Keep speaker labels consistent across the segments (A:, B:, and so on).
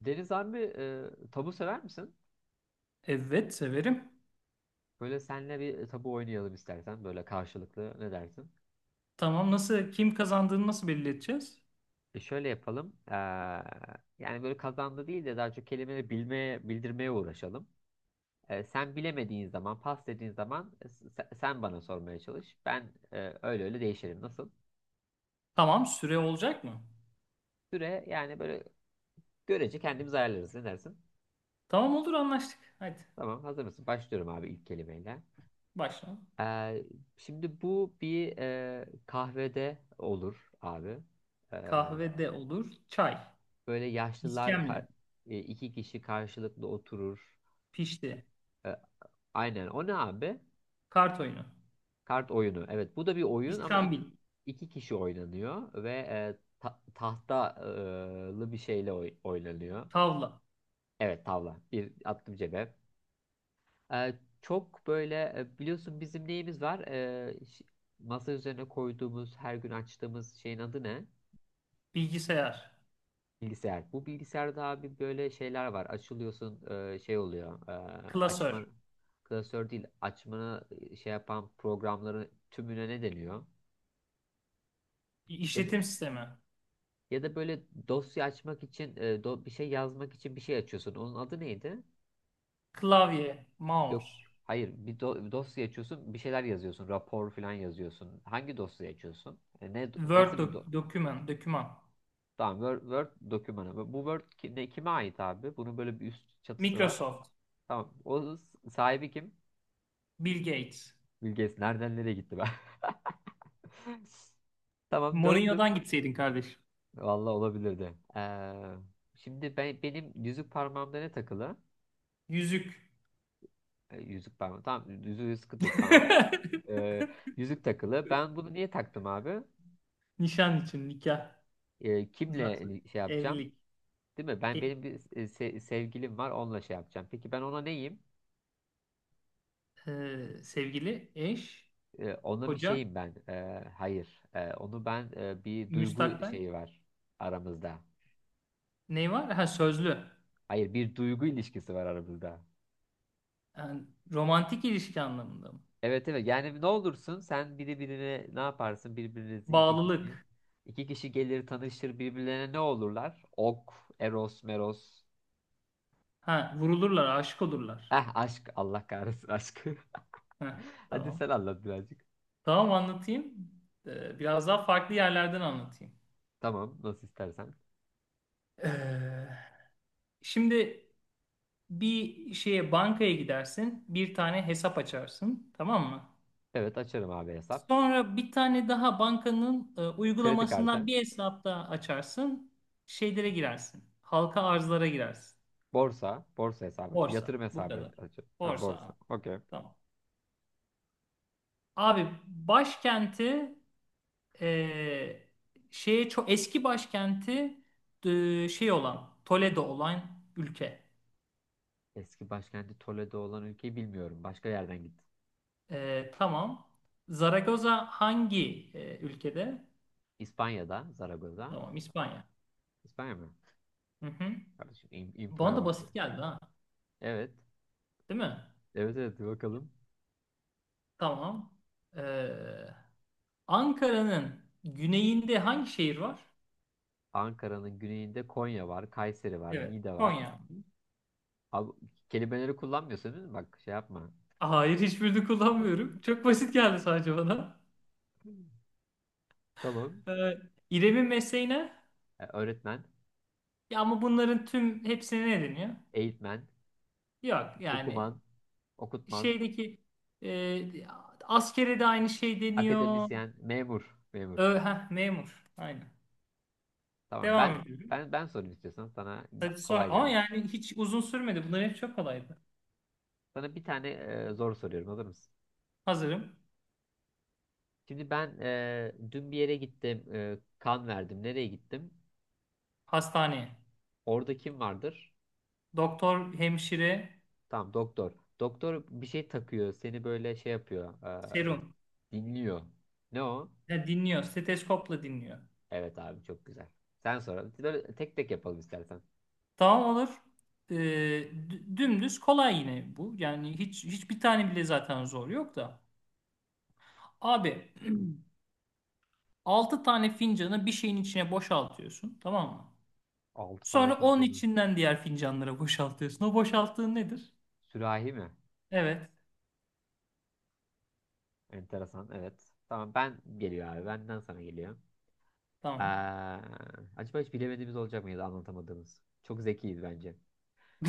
A: Deniz abi tabu sever misin?
B: Evet, severim.
A: Böyle senle bir tabu oynayalım istersen böyle karşılıklı ne dersin?
B: Tamam, nasıl kim kazandığını nasıl belli?
A: E şöyle yapalım. Yani böyle kazandı değil de daha çok kelimeleri bilmeye, bildirmeye uğraşalım. E, sen bilemediğin zaman, pas dediğin zaman sen bana sormaya çalış. Ben öyle öyle değişirim. Nasıl?
B: Tamam, süre olacak mı?
A: Süre yani böyle görece kendimiz ayarlarız. Ne dersin?
B: Tamam, olur, anlaştık. Hadi
A: Tamam, hazır mısın? Başlıyorum abi ilk kelimeyle.
B: başla.
A: Eee, şimdi bu bir kahvede olur abi. Ee,
B: Kahve de olur. Çay.
A: Böyle
B: İskemle.
A: iki kişi karşılıklı oturur.
B: Pişti.
A: E, Aynen. O ne abi?
B: Kart oyunu.
A: Kart oyunu. Evet, bu da bir oyun ama
B: İskambil.
A: iki kişi oynanıyor ve tahtalı bir şeyle oynanıyor.
B: Tavla.
A: Evet, tavla. Bir attım cebe. E, Çok böyle biliyorsun bizim neyimiz var? Masa üzerine koyduğumuz, her gün açtığımız şeyin adı ne?
B: Bilgisayar.
A: Bilgisayar. Bu bilgisayarda abi böyle şeyler var. Açılıyorsun şey oluyor. Açma
B: Klasör.
A: klasör değil. Açmana şey yapan programların tümüne ne deniyor? Ya da,
B: İşletim sistemi.
A: ya da böyle dosya açmak için bir şey yazmak için bir şey açıyorsun. Onun adı neydi?
B: Klavye.
A: Yok.
B: Mouse.
A: Hayır. Bir dosya açıyorsun. Bir şeyler yazıyorsun. Rapor falan yazıyorsun. Hangi dosya açıyorsun? Ne nasıl bir do.
B: Doküman. Doküman.
A: Tamam. Word, Word dokümanı. Bu Word ne, kime ait abi? Bunun böyle bir üst çatısı var.
B: Microsoft.
A: Tamam. O sahibi kim?
B: Bill Gates.
A: Bilges nereden nereye gitti ben? Tamam döndüm.
B: Mourinho'dan gitseydin kardeş.
A: Vallahi olabilirdi. Şimdi ben benim yüzük parmağımda ne takılı?
B: Yüzük.
A: Yüzük parmağı. Tamam yüzüğü sıkıntı yok tamam. Ee, yüzük takılı. Ben bunu niye taktım abi?
B: Nişan için, nikah.
A: Kimle
B: Zaten
A: şey yapacağım?
B: evlilik,
A: Değil mi? Ben
B: e-
A: benim bir sevgilim var onunla şey yapacağım. Peki ben ona neyim?
B: sevgili, eş,
A: Ona bir
B: koca,
A: şeyim ben. Hayır. Onu ben bir duygu
B: müstakbel.
A: şeyi var aramızda.
B: Ne var? Ha, sözlü.
A: Hayır bir duygu ilişkisi var aramızda.
B: Yani romantik ilişki anlamında mı?
A: Evet evet yani ne olursun sen biri birine ne yaparsın birbirinizi iki kişi.
B: Bağlılık.
A: İki kişi gelir tanışır birbirlerine ne olurlar? Ok, Eros, Meros.
B: Ha, vurulurlar, aşık olurlar.
A: Eh aşk Allah kahretsin aşk.
B: Ha,
A: Hadi
B: tamam.
A: sen anlat birazcık.
B: Tamam, anlatayım. Biraz daha farklı yerlerden anlatayım.
A: Tamam nasıl istersen.
B: Ee, Şimdi bir şeye, bankaya gidersin, bir tane hesap açarsın, tamam mı?
A: Evet açarım abi hesap.
B: Sonra bir tane daha bankanın
A: Kredi
B: uygulamasından
A: kartı.
B: bir hesap daha açarsın. Şeylere girersin. Halka arzlara girersin.
A: Borsa. Borsa hesabı açıyorum.
B: Borsa.
A: Yatırım
B: Bu
A: hesabı
B: kadar.
A: açıyorum. Tamam
B: Borsa
A: borsa.
B: abi.
A: Okey.
B: Tamam. Abi başkenti e, şeye, çok eski başkenti şey olan Toledo olan ülke.
A: Eski başkenti Toledo olan ülkeyi bilmiyorum. Başka yerden gittim.
B: E, tamam. Zaragoza hangi ülkede?
A: İspanya'da, Zaragoz'a.
B: Tamam, İspanya.
A: İspanya mı?
B: Hı hı.
A: Kardeşim
B: Bana
A: infoya
B: da
A: bak be.
B: basit geldi, ha.
A: Evet.
B: Değil mi?
A: Evet evet bir bakalım.
B: Tamam. Ee, Ankara'nın güneyinde hangi şehir var?
A: Ankara'nın güneyinde Konya var, Kayseri var,
B: Evet.
A: Niğde var.
B: Konya.
A: Abi, kelimeleri kullanmıyorsun değil mi? Bak şey yapma.
B: Hayır, hiçbirini kullanmıyorum. Çok basit geldi sadece bana.
A: Tamam.
B: Ee, İrem'in mesleği ne?
A: Öğretmen,
B: Ya ama bunların tüm hepsine ne deniyor?
A: eğitmen,
B: Yok yani
A: okuman, okutman,
B: şeydeki e, askere de aynı şey deniyor.
A: akademisyen, memur.
B: Ö, heh, memur. Aynen.
A: Tamam
B: Devam ediyorum.
A: ben sorayım istiyorsan sana
B: Hadi sor.
A: kolay
B: Ama
A: gelmiş.
B: yani hiç uzun sürmedi. Bunların hepsi çok kolaydı.
A: Sana bir tane zor soruyorum hazır mısın?
B: Hazırım.
A: Şimdi ben dün bir yere gittim, kan verdim. Nereye gittim?
B: Hastane.
A: Orada kim vardır?
B: Doktor, hemşire,
A: Tamam doktor. Doktor bir şey takıyor. Seni böyle şey yapıyor. e,
B: serum.
A: dinliyor. Ne o?
B: Ya, dinliyor. Steteskopla dinliyor.
A: Evet abi çok güzel. Sen sonra böyle tek tek yapalım istersen.
B: Tamam, olur. Ee, dümdüz kolay yine bu. Yani hiçbir tane bile zaten zor yok da. Abi, 6 tane fincanı bir şeyin içine boşaltıyorsun. Tamam mı?
A: 6 tane
B: Sonra onun
A: fincanı.
B: içinden diğer fincanlara boşaltıyorsun. O boşalttığın nedir?
A: Sürahi mi?
B: Evet.
A: Enteresan. Evet. Tamam ben geliyor abi. Benden sana geliyor.
B: Tamam.
A: Ee, acaba hiç bilemediğimiz olacak mıydı anlatamadığımız? Çok zekiyiz bence.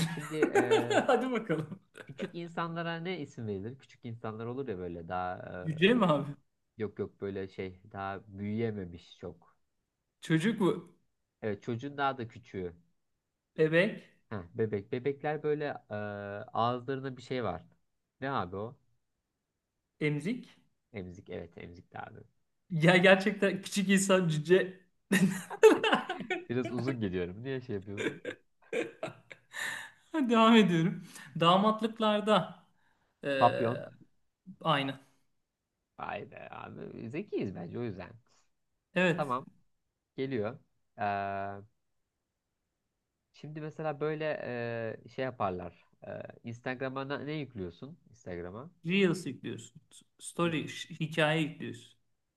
A: Şimdi
B: Hadi bakalım.
A: küçük insanlara ne isim verilir? Küçük insanlar olur ya böyle daha
B: Cüce mi abi?
A: yok yok böyle şey daha büyüyememiş çok.
B: Çocuk mu?
A: Evet çocuğun daha da küçüğü.
B: Bebek?
A: Heh, bebek. Bebekler böyle e, ağızlarında bir şey var. Ne abi o?
B: Emzik?
A: Emzik. Evet emzik abi.
B: Ya gerçekten küçük insan cüce.
A: Biraz uzun geliyorum. Niye şey yapıyorsun?
B: Devam ediyorum. Damatlıklarda
A: Papyon.
B: eee, aynı.
A: Vay be abi. Zekiyiz bence o yüzden.
B: Evet.
A: Tamam. Geliyor. Ee, şimdi mesela böyle şey yaparlar. Instagram'a ne yüklüyorsun? Instagram'a.
B: Reels yüklüyorsun. Hikaye yüklüyorsun.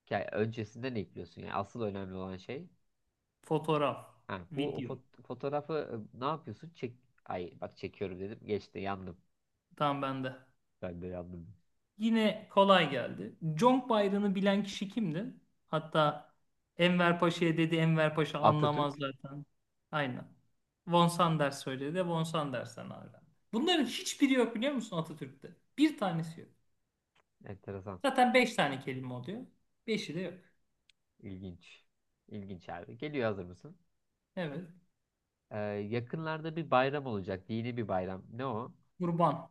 A: Hikaye- Öncesinde ne yüklüyorsun? Yani asıl önemli olan şey.
B: Fotoğraf,
A: Ha, bu
B: video.
A: fotoğrafı ne yapıyorsun? Çek. Ay bak çekiyorum dedim. Geçti yandım.
B: Tamam, bende.
A: Ben de yandım.
B: Yine kolay geldi. Conk bayrağını bilen kişi kimdi? Hatta Enver Paşa'ya dedi, Enver Paşa anlamaz
A: Atatürk.
B: zaten. Aynen. Von Sanders söyledi. Von Sanders'ten öğrendi. Bunların hiçbiri yok biliyor musun Atatürk'te? Bir tanesi yok.
A: Enteresan.
B: Zaten beş tane kelime oluyor. Beşi de yok.
A: İlginç. İlginç abi. Geliyor hazır mısın?
B: Evet.
A: Yakınlarda bir bayram olacak. Dini bir bayram. Ne o?
B: Kurban,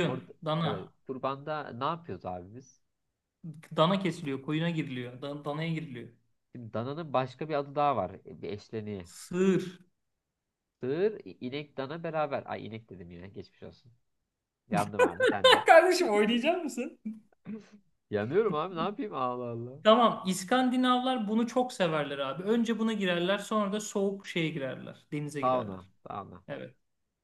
A: Orada evet.
B: dana.
A: Kurbanda ne yapıyoruz abi biz?
B: Dana kesiliyor, koyuna giriliyor, danaya giriliyor.
A: Şimdi dananın başka bir adı daha var. Bir eşleniği.
B: Sığır.
A: Sığır, inek, dana beraber. Ay inek dedim yine. Geçmiş olsun. Yandım abi sen de.
B: Kardeşim, oynayacak mısın?
A: Yanıyorum abi. Ne yapayım? Allah Allah.
B: Tamam, İskandinavlar bunu çok severler abi. Önce buna girerler, sonra da soğuk şeye girerler, denize
A: Sauna.
B: girerler.
A: Sauna.
B: Evet,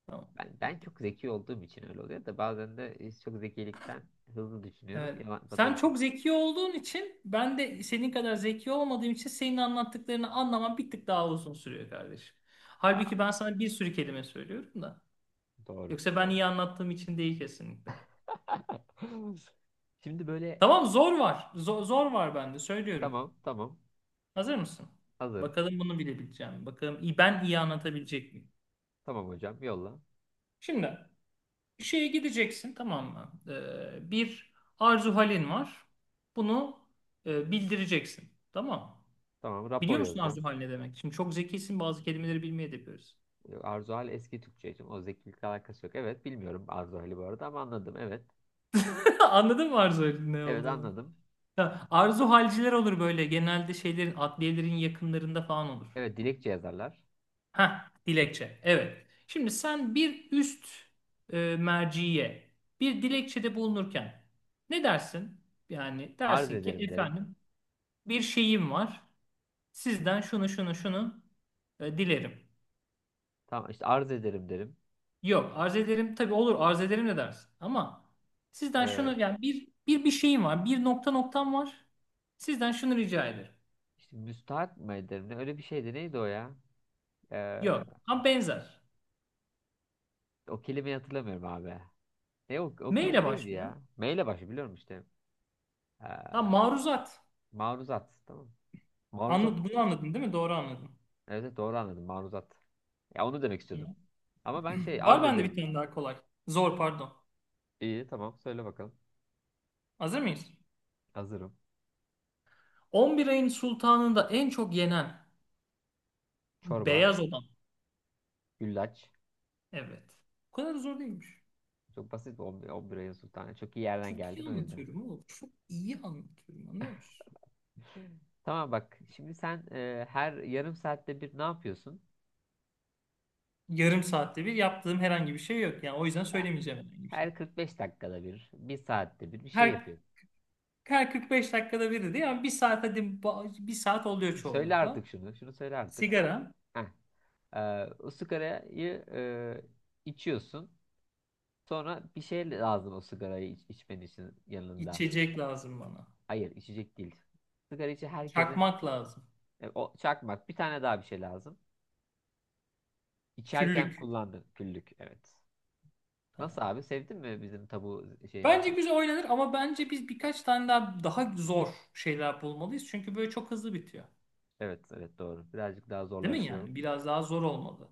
B: tamam.
A: Ben
B: Bitti.
A: çok zeki olduğum için öyle oluyor da bazen de çok zekilikten hızlı düşünüyorum.
B: Evet.
A: Yaman
B: Sen
A: patates oluyor.
B: çok zeki olduğun için, ben de senin kadar zeki olmadığım için senin anlattıklarını anlamam bir tık daha uzun sürüyor kardeşim.
A: Aa.
B: Halbuki ben sana bir sürü kelime söylüyorum da.
A: Doğru.
B: Yoksa ben
A: Doğru.
B: iyi anlattığım için değil kesinlikle.
A: Şimdi böyle
B: Tamam, zor var. Zor, zor var, bende söylüyorum.
A: tamam
B: Hazır mısın?
A: hazırım.
B: Bakalım bunu bilebileceğim mi? Bakalım, iyi anlatabilecek miyim?
A: Tamam hocam yolla.
B: Şimdi şeye gideceksin, tamam mı? Bir arzu halin var. Bunu bildireceksin. Tamam mı?
A: Tamam rapor
B: Biliyor musun arzu
A: yazacağım.
B: hal ne demek? Şimdi çok zekisin, bazı kelimeleri bilmeye de yapıyoruz.
A: Arzu hal eski Türkçe için. O zekilikle alakası yok. Evet bilmiyorum Arzu hali bu arada ama anladım. Evet.
B: Anladın mı arzu halin ne
A: Evet
B: olduğunu?
A: anladım.
B: Ya, arzu halciler olur böyle. Genelde şeylerin, adliyelerin yakınlarında falan olur.
A: Evet dilekçe yazarlar.
B: Ha, dilekçe. Evet. Şimdi sen bir üst merciye bir dilekçede bulunurken ne dersin? Yani
A: Arz
B: dersin ki,
A: ederim derim.
B: efendim, bir şeyim var. Sizden şunu şunu şunu dilerim.
A: Tamam işte arz ederim derim.
B: Yok, arz ederim tabii, olur arz ederim de dersin. Ama sizden
A: Ee,
B: şunu, yani bir şeyim var. Bir nokta noktam var. Sizden şunu rica ederim.
A: işte müstahak mı ederim ne? Öyle bir şeydi. Neydi o ya? Ee,
B: Yok. Ama benzer.
A: O kelimeyi hatırlamıyorum abi. Ne o, o
B: M
A: kelime
B: ile
A: neydi
B: başlıyor.
A: ya? M ile başlıyor biliyorum işte. Ee,
B: Ha, maruzat.
A: maruzat. Tamam. Maruzat.
B: Anladın, bunu anladın değil mi? Doğru anladın.
A: Evet evet, doğru anladım. Maruzat. Ya onu demek
B: Hı.
A: istiyordum. Ama ben şey
B: Var
A: arz
B: bende bir
A: ederim.
B: tane daha kolay. Zor, pardon.
A: İyi tamam söyle bakalım.
B: Hazır mıyız?
A: Hazırım.
B: 11 ayın sultanında en çok yenen
A: Çorba.
B: beyaz olan.
A: Güllaç.
B: Evet. Bu kadar zor değilmiş.
A: Çok basit 11 ayın sultanı. Çok iyi yerden
B: Çok
A: geldin
B: iyi
A: o yüzden.
B: anlatıyorum oğlum. Çok iyi anlatıyorum, anlıyor musun?
A: Tamam bak. Şimdi sen her yarım saatte bir ne yapıyorsun?
B: Yarım saatte bir yaptığım herhangi bir şey yok. Yani o yüzden
A: Eh,
B: söylemeyeceğim herhangi bir şey.
A: Her 45 dakikada bir saatte bir şey
B: Her,
A: yapıyorsun.
B: her 45 dakikada biri değil ama bir saat, hadi bir saat oluyor
A: Söyle artık
B: çoğunlukla.
A: şunu. Şunu söyle artık.
B: Sigara,
A: Heh. O sigarayı içiyorsun. Sonra bir şey lazım o sigarayı içmen için yanında.
B: içecek lazım bana.
A: Hayır, içecek değil. Sigara içi herkesin
B: Çakmak lazım.
A: o çakmak bir tane daha bir şey lazım. İçerken
B: Küllük.
A: kullandın küllük. Evet. Nasıl
B: Tamam.
A: abi? Sevdin mi bizim tabu
B: Bence
A: şeyimizi?
B: güzel oynanır ama bence biz birkaç tane daha zor şeyler bulmalıyız. Çünkü böyle çok hızlı bitiyor.
A: Evet, evet doğru. Birazcık daha
B: Değil mi
A: zorlaştıralım.
B: yani? Biraz daha zor olmalı.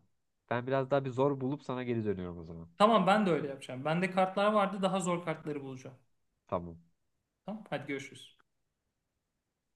A: Ben biraz daha bir zor bulup sana geri dönüyorum o zaman.
B: Tamam, ben de öyle yapacağım. Bende kartlar vardı. Daha zor kartları bulacağım.
A: Tamam.
B: Tamam, hadi görüşürüz.